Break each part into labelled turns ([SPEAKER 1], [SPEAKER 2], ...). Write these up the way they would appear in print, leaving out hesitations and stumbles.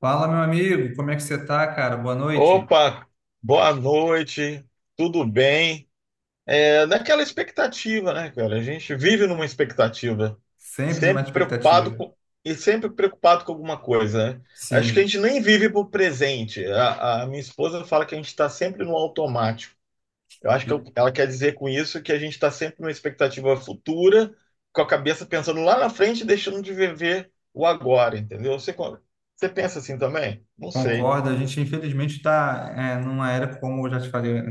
[SPEAKER 1] Fala, meu amigo, como é que você tá, cara? Boa noite.
[SPEAKER 2] Opa, boa noite, tudo bem? É naquela expectativa, né, cara? A gente vive numa expectativa,
[SPEAKER 1] Sempre numa
[SPEAKER 2] sempre preocupado
[SPEAKER 1] expectativa.
[SPEAKER 2] com, e sempre preocupado com alguma coisa, né? Acho que a
[SPEAKER 1] Sim,
[SPEAKER 2] gente nem vive pro presente. A minha esposa fala que a gente está sempre no automático. Eu acho
[SPEAKER 1] e
[SPEAKER 2] que ela quer dizer com isso que a gente está sempre numa expectativa futura, com a cabeça pensando lá na frente, e deixando de viver o agora, entendeu? Você pensa assim também? Não sei.
[SPEAKER 1] concordo. A gente, infelizmente, está numa era, como eu já te falei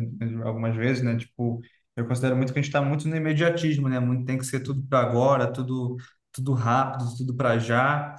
[SPEAKER 1] algumas vezes, né? Tipo, eu considero muito que a gente está muito no imediatismo, né? Muito, tem que ser tudo para agora, tudo, tudo rápido, tudo para já.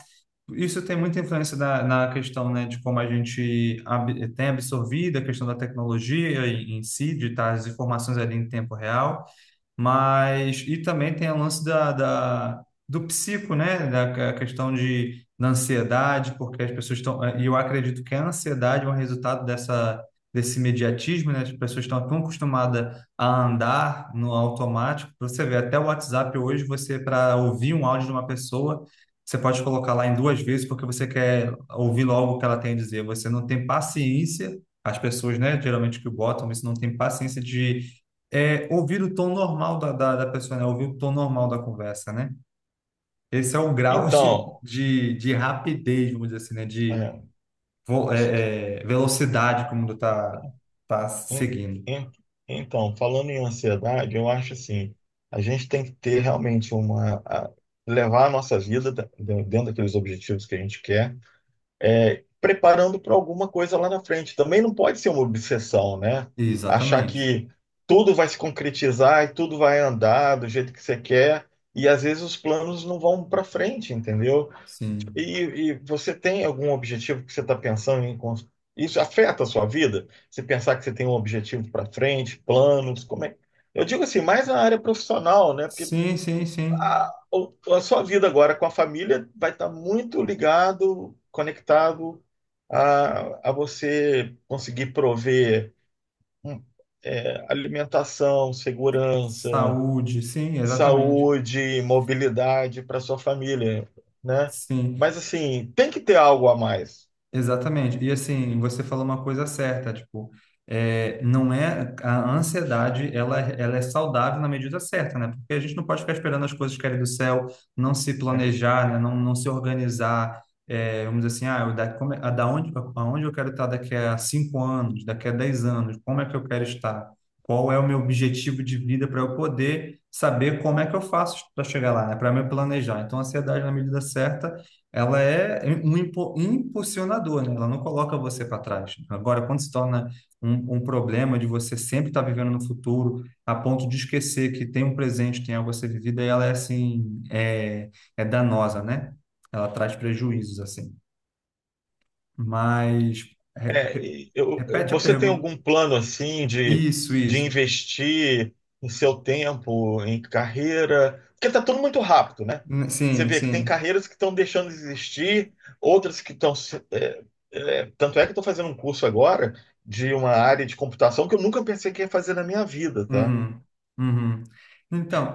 [SPEAKER 1] Isso tem muita influência na questão, né, de como a gente tem absorvido a questão da tecnologia em si, de estar as informações ali em tempo real. Mas, e também tem o lance do psico, né? A questão da ansiedade, porque as pessoas estão. E eu acredito que a ansiedade é um resultado desse imediatismo, né? As pessoas estão tão acostumadas a andar no automático. Você vê, até o WhatsApp hoje, você, para ouvir um áudio de uma pessoa, você pode colocar lá em duas vezes, porque você quer ouvir logo o que ela tem a dizer. Você não tem paciência, as pessoas, né? Geralmente que botam isso, não tem paciência de ouvir o tom normal da pessoa, né? Ouvir o tom normal da conversa, né? Esse é o grau
[SPEAKER 2] Então.
[SPEAKER 1] de rapidez, vamos dizer assim, né? De
[SPEAKER 2] É.
[SPEAKER 1] velocidade que o mundo está tá
[SPEAKER 2] En-
[SPEAKER 1] seguindo.
[SPEAKER 2] en- Então, falando em ansiedade, eu acho assim, a gente tem que ter realmente uma, a- levar a nossa vida dentro daqueles objetivos que a gente quer, preparando para alguma coisa lá na frente. Também não pode ser uma obsessão, né? Achar
[SPEAKER 1] Exatamente.
[SPEAKER 2] que tudo vai se concretizar e tudo vai andar do jeito que você quer, e às vezes os planos não vão para frente, entendeu?
[SPEAKER 1] Sim.
[SPEAKER 2] E você tem algum objetivo que você está pensando em Isso afeta a sua vida? Você pensar que você tem um objetivo para frente, planos, como é? Eu digo assim, mais na área profissional, né? Porque
[SPEAKER 1] Sim, sim, sim.
[SPEAKER 2] a sua vida agora com a família vai estar muito ligado, conectado a você conseguir prover hum, alimentação, segurança,
[SPEAKER 1] Saúde, sim, exatamente.
[SPEAKER 2] saúde, mobilidade para sua família, né?
[SPEAKER 1] Sim.
[SPEAKER 2] Mas assim, tem que ter algo a mais.
[SPEAKER 1] Exatamente. E assim, você falou uma coisa certa, tipo, não é a ansiedade, ela, ela é saudável na medida certa, né? Porque a gente não pode ficar esperando as coisas caírem do céu, não se planejar, né? Não se organizar, é, vamos dizer assim, ah, eu da, como, é- a, da onde, aonde eu quero estar daqui a 5 anos, daqui a 10 anos, como é que eu quero estar? Qual é o meu objetivo de vida para eu poder saber como é que eu faço para chegar lá, né? Para me planejar. Então, a ansiedade na medida certa ela é um impulsionador, né? Ela não coloca você para trás. Agora, quando se torna um problema de você sempre estar vivendo no futuro, a ponto de esquecer que tem um presente, tem algo a ser vivido, aí ela é assim, é danosa, né? Ela traz prejuízos, assim. Mas, re-
[SPEAKER 2] É,
[SPEAKER 1] re-
[SPEAKER 2] e
[SPEAKER 1] repete a
[SPEAKER 2] você tem
[SPEAKER 1] pergunta.
[SPEAKER 2] algum plano assim
[SPEAKER 1] Isso,
[SPEAKER 2] de
[SPEAKER 1] isso.
[SPEAKER 2] investir em seu tempo, em carreira? Porque tá tudo muito rápido, né? Você
[SPEAKER 1] Sim,
[SPEAKER 2] vê que tem
[SPEAKER 1] sim.
[SPEAKER 2] carreiras que estão deixando de existir, outras que estão. Tanto é que eu estou fazendo um curso agora de uma área de computação que eu nunca pensei que ia fazer na minha vida, tá?
[SPEAKER 1] Uhum, uhum.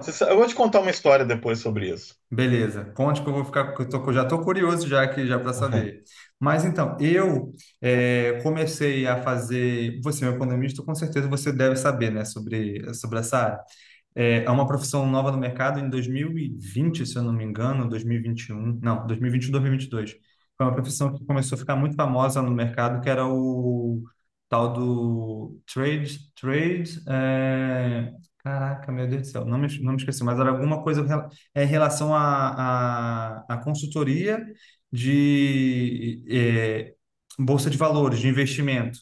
[SPEAKER 2] Eu vou te contar uma história depois sobre isso.
[SPEAKER 1] beleza, conte que eu vou ficar, que eu que eu já estou curioso já aqui já para saber. Mas então, eu comecei a fazer, você é um economista, com certeza você deve saber, né, sobre essa área. É uma profissão nova no mercado em 2020, se eu não me engano, 2021, não, 2021, 2022. Foi uma profissão que começou a ficar muito famosa no mercado, que era o tal do trade, é, caraca, meu Deus do céu, não me esqueci, mas era alguma coisa em relação à à consultoria de é, bolsa de valores, de investimento.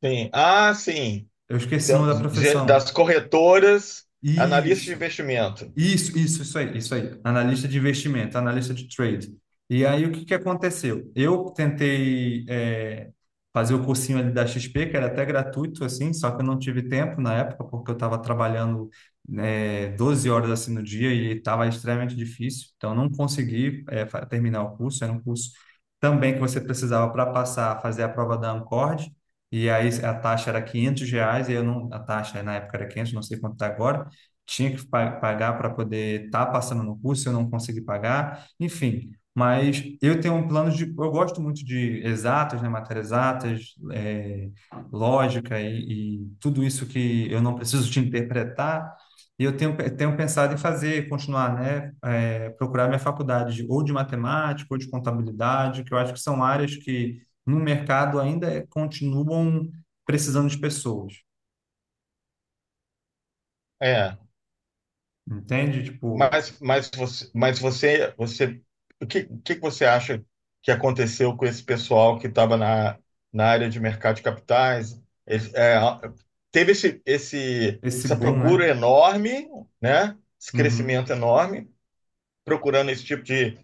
[SPEAKER 2] Sim. Ah, sim.
[SPEAKER 1] Eu esqueci o nome da
[SPEAKER 2] Das
[SPEAKER 1] profissão.
[SPEAKER 2] corretoras, analista de
[SPEAKER 1] Isso.
[SPEAKER 2] investimento.
[SPEAKER 1] Isso aí. Analista de investimento, analista de trade. E aí, o que que aconteceu? Eu tentei fazer o cursinho ali da XP, que era até gratuito, assim, só que eu não tive tempo na época, porque eu estava trabalhando né, 12 horas assim no dia e estava extremamente difícil. Então, eu não consegui terminar o curso. Era um curso também que você precisava para passar, fazer a prova da Ancord. E aí, a taxa era R$ 500, e eu não, a taxa na época era 500, não sei quanto está agora, tinha que pagar para poder estar passando no curso, eu não consegui pagar, enfim. Mas eu tenho um plano de. Eu gosto muito de exatas, né, matérias exatas, é, lógica e tudo isso que eu não preciso de interpretar. E eu tenho pensado em fazer, continuar, né, é, procurar minha faculdade ou de matemática ou de contabilidade, que eu acho que são áreas que no mercado continuam precisando de pessoas,
[SPEAKER 2] É.
[SPEAKER 1] entende? Tipo,
[SPEAKER 2] Você, o que que você acha que aconteceu com esse pessoal que estava na área de mercado de capitais? Eles- é, teve
[SPEAKER 1] esse
[SPEAKER 2] essa
[SPEAKER 1] boom,
[SPEAKER 2] procura
[SPEAKER 1] né?
[SPEAKER 2] enorme, né? Esse
[SPEAKER 1] Uhum.
[SPEAKER 2] crescimento enorme, procurando esse tipo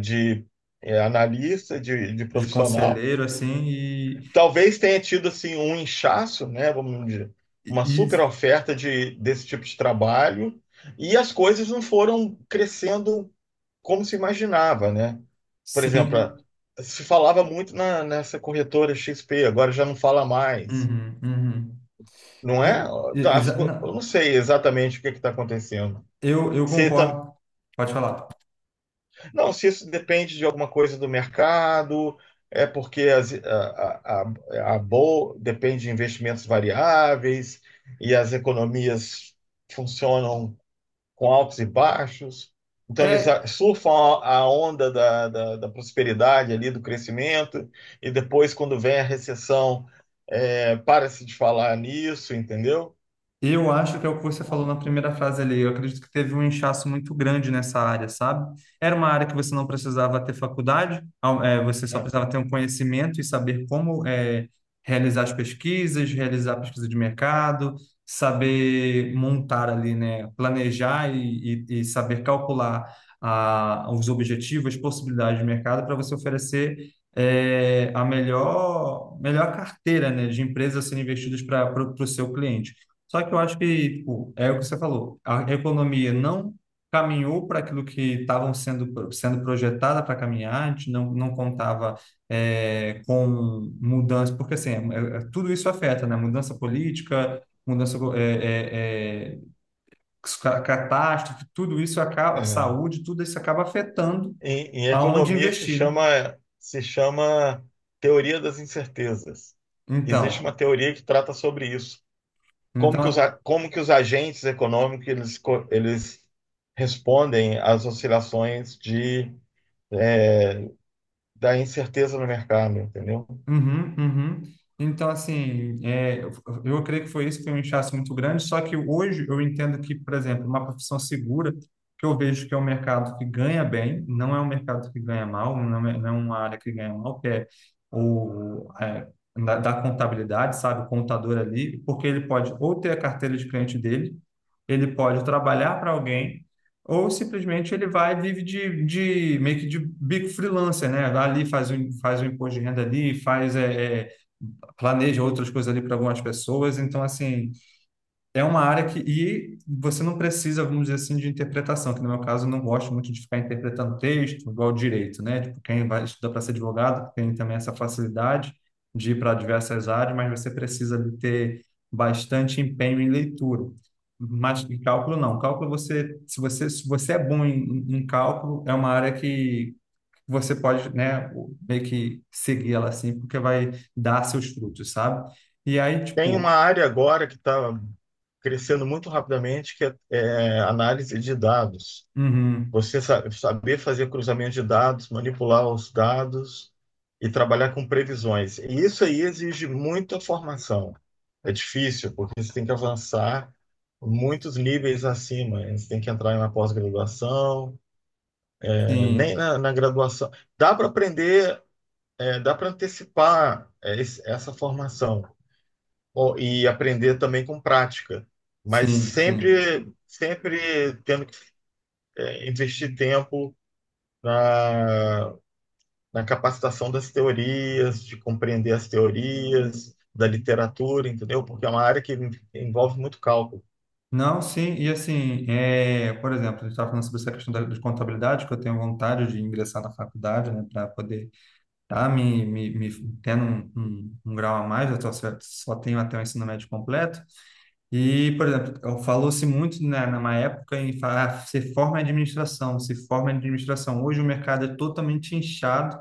[SPEAKER 2] de é, analista, de
[SPEAKER 1] De
[SPEAKER 2] profissional.
[SPEAKER 1] conselheiro, assim, e,
[SPEAKER 2] Talvez tenha tido assim um inchaço, né, vamos dizer,
[SPEAKER 1] e,
[SPEAKER 2] uma
[SPEAKER 1] e
[SPEAKER 2] super oferta de, desse tipo de trabalho e as coisas não foram crescendo como se imaginava, né? Por exemplo,
[SPEAKER 1] sim.
[SPEAKER 2] se falava muito na, nessa corretora XP, agora já não fala mais,
[SPEAKER 1] Uhum, uhum.
[SPEAKER 2] não
[SPEAKER 1] E-
[SPEAKER 2] é? Tá, eu não
[SPEAKER 1] não,
[SPEAKER 2] sei exatamente o que está acontecendo.
[SPEAKER 1] eu
[SPEAKER 2] Você
[SPEAKER 1] concordo. Pode falar.
[SPEAKER 2] não, se isso depende de alguma coisa do mercado, é porque a bol depende de investimentos variáveis e as economias funcionam com altos e baixos. Então, eles
[SPEAKER 1] É,
[SPEAKER 2] surfam a onda da prosperidade ali, do crescimento, e depois, quando vem a recessão, para-se de falar nisso, entendeu?
[SPEAKER 1] e eu acho que é o que você falou na primeira frase ali. Eu acredito que teve um inchaço muito grande nessa área, sabe? Era uma área que você não precisava ter faculdade, você só
[SPEAKER 2] É,
[SPEAKER 1] precisava ter um conhecimento e saber como é, realizar as pesquisas, realizar a pesquisa de mercado, saber montar ali, né? Planejar e saber calcular os objetivos, as possibilidades de mercado para você oferecer é, melhor carteira, né, de empresas a serem investidas para o seu cliente. Só que eu acho que, tipo, é o que você falou, a economia não caminhou para aquilo que estavam sendo projetada para caminhar, a gente não contava com mudança, porque assim, tudo isso afeta, né? Mudança política, mudança, catástrofe, tudo isso acaba,
[SPEAKER 2] é.
[SPEAKER 1] saúde, tudo isso acaba afetando
[SPEAKER 2] Em
[SPEAKER 1] aonde
[SPEAKER 2] economia
[SPEAKER 1] investir, né?
[SPEAKER 2] se chama teoria das incertezas. Existe
[SPEAKER 1] Então,
[SPEAKER 2] uma teoria que trata sobre isso. Como que
[SPEAKER 1] então,
[SPEAKER 2] como que os agentes econômicos eles respondem às oscilações de, é, da incerteza no mercado, entendeu?
[SPEAKER 1] uhum, uhum. Então, assim, eu creio que foi isso, foi um inchaço muito grande, só que hoje eu entendo que, por exemplo, uma profissão segura, que eu vejo que é um mercado que ganha bem, não é um mercado que ganha mal, não é uma área que ganha mal, que é o, é, da contabilidade, sabe, o contador ali, porque ele pode ou ter a carteira de cliente dele, ele pode trabalhar para alguém, ou simplesmente ele vai e vive de meio que de bico freelancer, né? Vai ali, faz um imposto de renda ali, faz, planeja outras coisas ali para algumas pessoas. Então, assim, é uma área que, e você não precisa, vamos dizer assim, de interpretação, que no meu caso eu não gosto muito de ficar interpretando texto, igual direito, né? Tipo, quem vai estudar para ser advogado tem também essa facilidade de ir para diversas áreas, mas você precisa de ter bastante empenho em leitura. Mas em cálculo não. Cálculo você, se você é bom em cálculo, é uma área que você pode, né, meio que seguir ela assim, porque vai dar seus frutos, sabe? E aí,
[SPEAKER 2] Tem uma
[SPEAKER 1] tipo,
[SPEAKER 2] área agora que está crescendo muito rapidamente, que é análise de dados.
[SPEAKER 1] uhum,
[SPEAKER 2] Saber fazer cruzamento de dados, manipular os dados e trabalhar com previsões. E isso aí exige muita formação. É difícil, porque você tem que avançar muitos níveis acima. Você tem que entrar na pós-graduação, eh, nem
[SPEAKER 1] sim.
[SPEAKER 2] na graduação. Dá para aprender, eh, dá para antecipar, eh, essa formação. Ó, e aprender também com prática, mas
[SPEAKER 1] Sim, sim.
[SPEAKER 2] sempre, sempre tendo que, eh, investir tempo na capacitação das teorias, de compreender as teorias, da literatura, entendeu? Porque é uma área que envolve muito cálculo
[SPEAKER 1] Não, sim, e assim, é, por exemplo, a gente estava falando sobre essa questão de contabilidade, que eu tenho vontade de ingressar na faculdade, né, para poder estar me tendo um grau a mais, eu só tenho até o ensino médio completo. E, por exemplo, falou-se muito, né, numa época em falar, ah, se forma em administração, se forma em administração. Hoje o mercado é totalmente inchado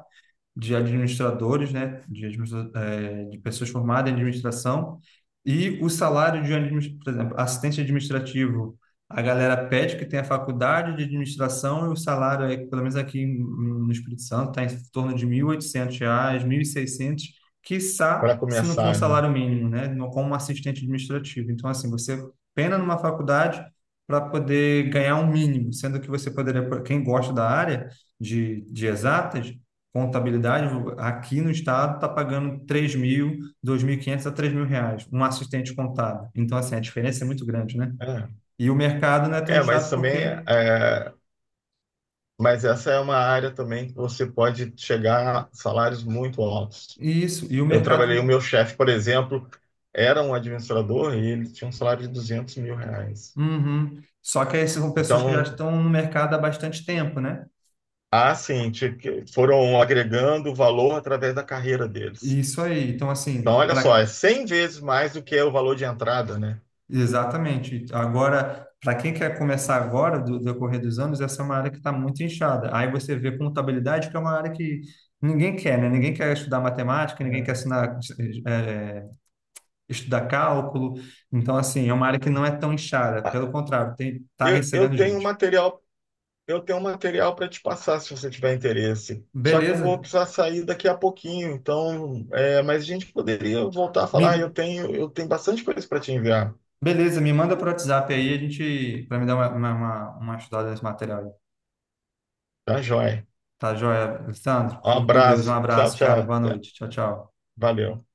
[SPEAKER 1] de administradores, né, de pessoas formadas em administração, e o salário de, por exemplo, assistente administrativo, a galera pede que tenha faculdade de administração e o salário, é, pelo menos no Espírito Santo, está em torno de R$ 1.800, 1.600, quiçá
[SPEAKER 2] para
[SPEAKER 1] se não for um
[SPEAKER 2] começar, né?
[SPEAKER 1] salário mínimo, né, como assistente administrativo. Então, assim, você pena numa faculdade para poder ganhar um mínimo, sendo que você poderia, quem gosta da área de exatas, contabilidade aqui no estado está pagando 3.000, 2.500 a R$ 3.000, um assistente contábil. Então, assim, a diferença é muito grande, né?
[SPEAKER 2] É,
[SPEAKER 1] E o mercado não é tão
[SPEAKER 2] mas
[SPEAKER 1] inchado
[SPEAKER 2] também,
[SPEAKER 1] porque...
[SPEAKER 2] é, mas essa é uma área também que você pode chegar a salários muito altos.
[SPEAKER 1] Isso, e o
[SPEAKER 2] Eu trabalhei, o
[SPEAKER 1] mercado...
[SPEAKER 2] meu chefe, por exemplo, era um administrador e ele tinha um salário de 200 mil reais.
[SPEAKER 1] Uhum. Só que aí são pessoas que já
[SPEAKER 2] Então,
[SPEAKER 1] estão no mercado há bastante tempo, né?
[SPEAKER 2] há sim, que foram agregando valor através da carreira deles.
[SPEAKER 1] Isso aí. Então,
[SPEAKER 2] Então,
[SPEAKER 1] assim,
[SPEAKER 2] olha só,
[SPEAKER 1] para...
[SPEAKER 2] é 100 vezes mais do que é o valor de entrada, né?
[SPEAKER 1] Exatamente. Agora, para quem quer começar agora, do decorrer dos anos, essa é uma área que está muito inchada. Aí você vê contabilidade, que é uma área que ninguém quer, né? Ninguém quer estudar matemática, ninguém quer assinar estudar cálculo. Então, assim, é uma área que não é tão inchada. Pelo
[SPEAKER 2] É.
[SPEAKER 1] contrário, tem, tá
[SPEAKER 2] Eu, eu
[SPEAKER 1] recebendo
[SPEAKER 2] tenho um
[SPEAKER 1] gente.
[SPEAKER 2] material, eu tenho um material para te passar se você tiver interesse. Só que eu vou
[SPEAKER 1] Beleza?
[SPEAKER 2] precisar sair daqui a pouquinho, então, é, mas a gente poderia voltar a falar.
[SPEAKER 1] Me,
[SPEAKER 2] Eu tenho bastante coisa para te enviar.
[SPEAKER 1] beleza, me manda pro WhatsApp aí, a gente, para me dar uma estudada nesse material aí.
[SPEAKER 2] Tá, joia.
[SPEAKER 1] Tá joia, Alessandro?
[SPEAKER 2] Um
[SPEAKER 1] Fica com Deus. Um
[SPEAKER 2] abraço. Tchau,
[SPEAKER 1] abraço, cara.
[SPEAKER 2] tchau.
[SPEAKER 1] Boa
[SPEAKER 2] Até.
[SPEAKER 1] noite. Tchau, tchau.
[SPEAKER 2] Valeu.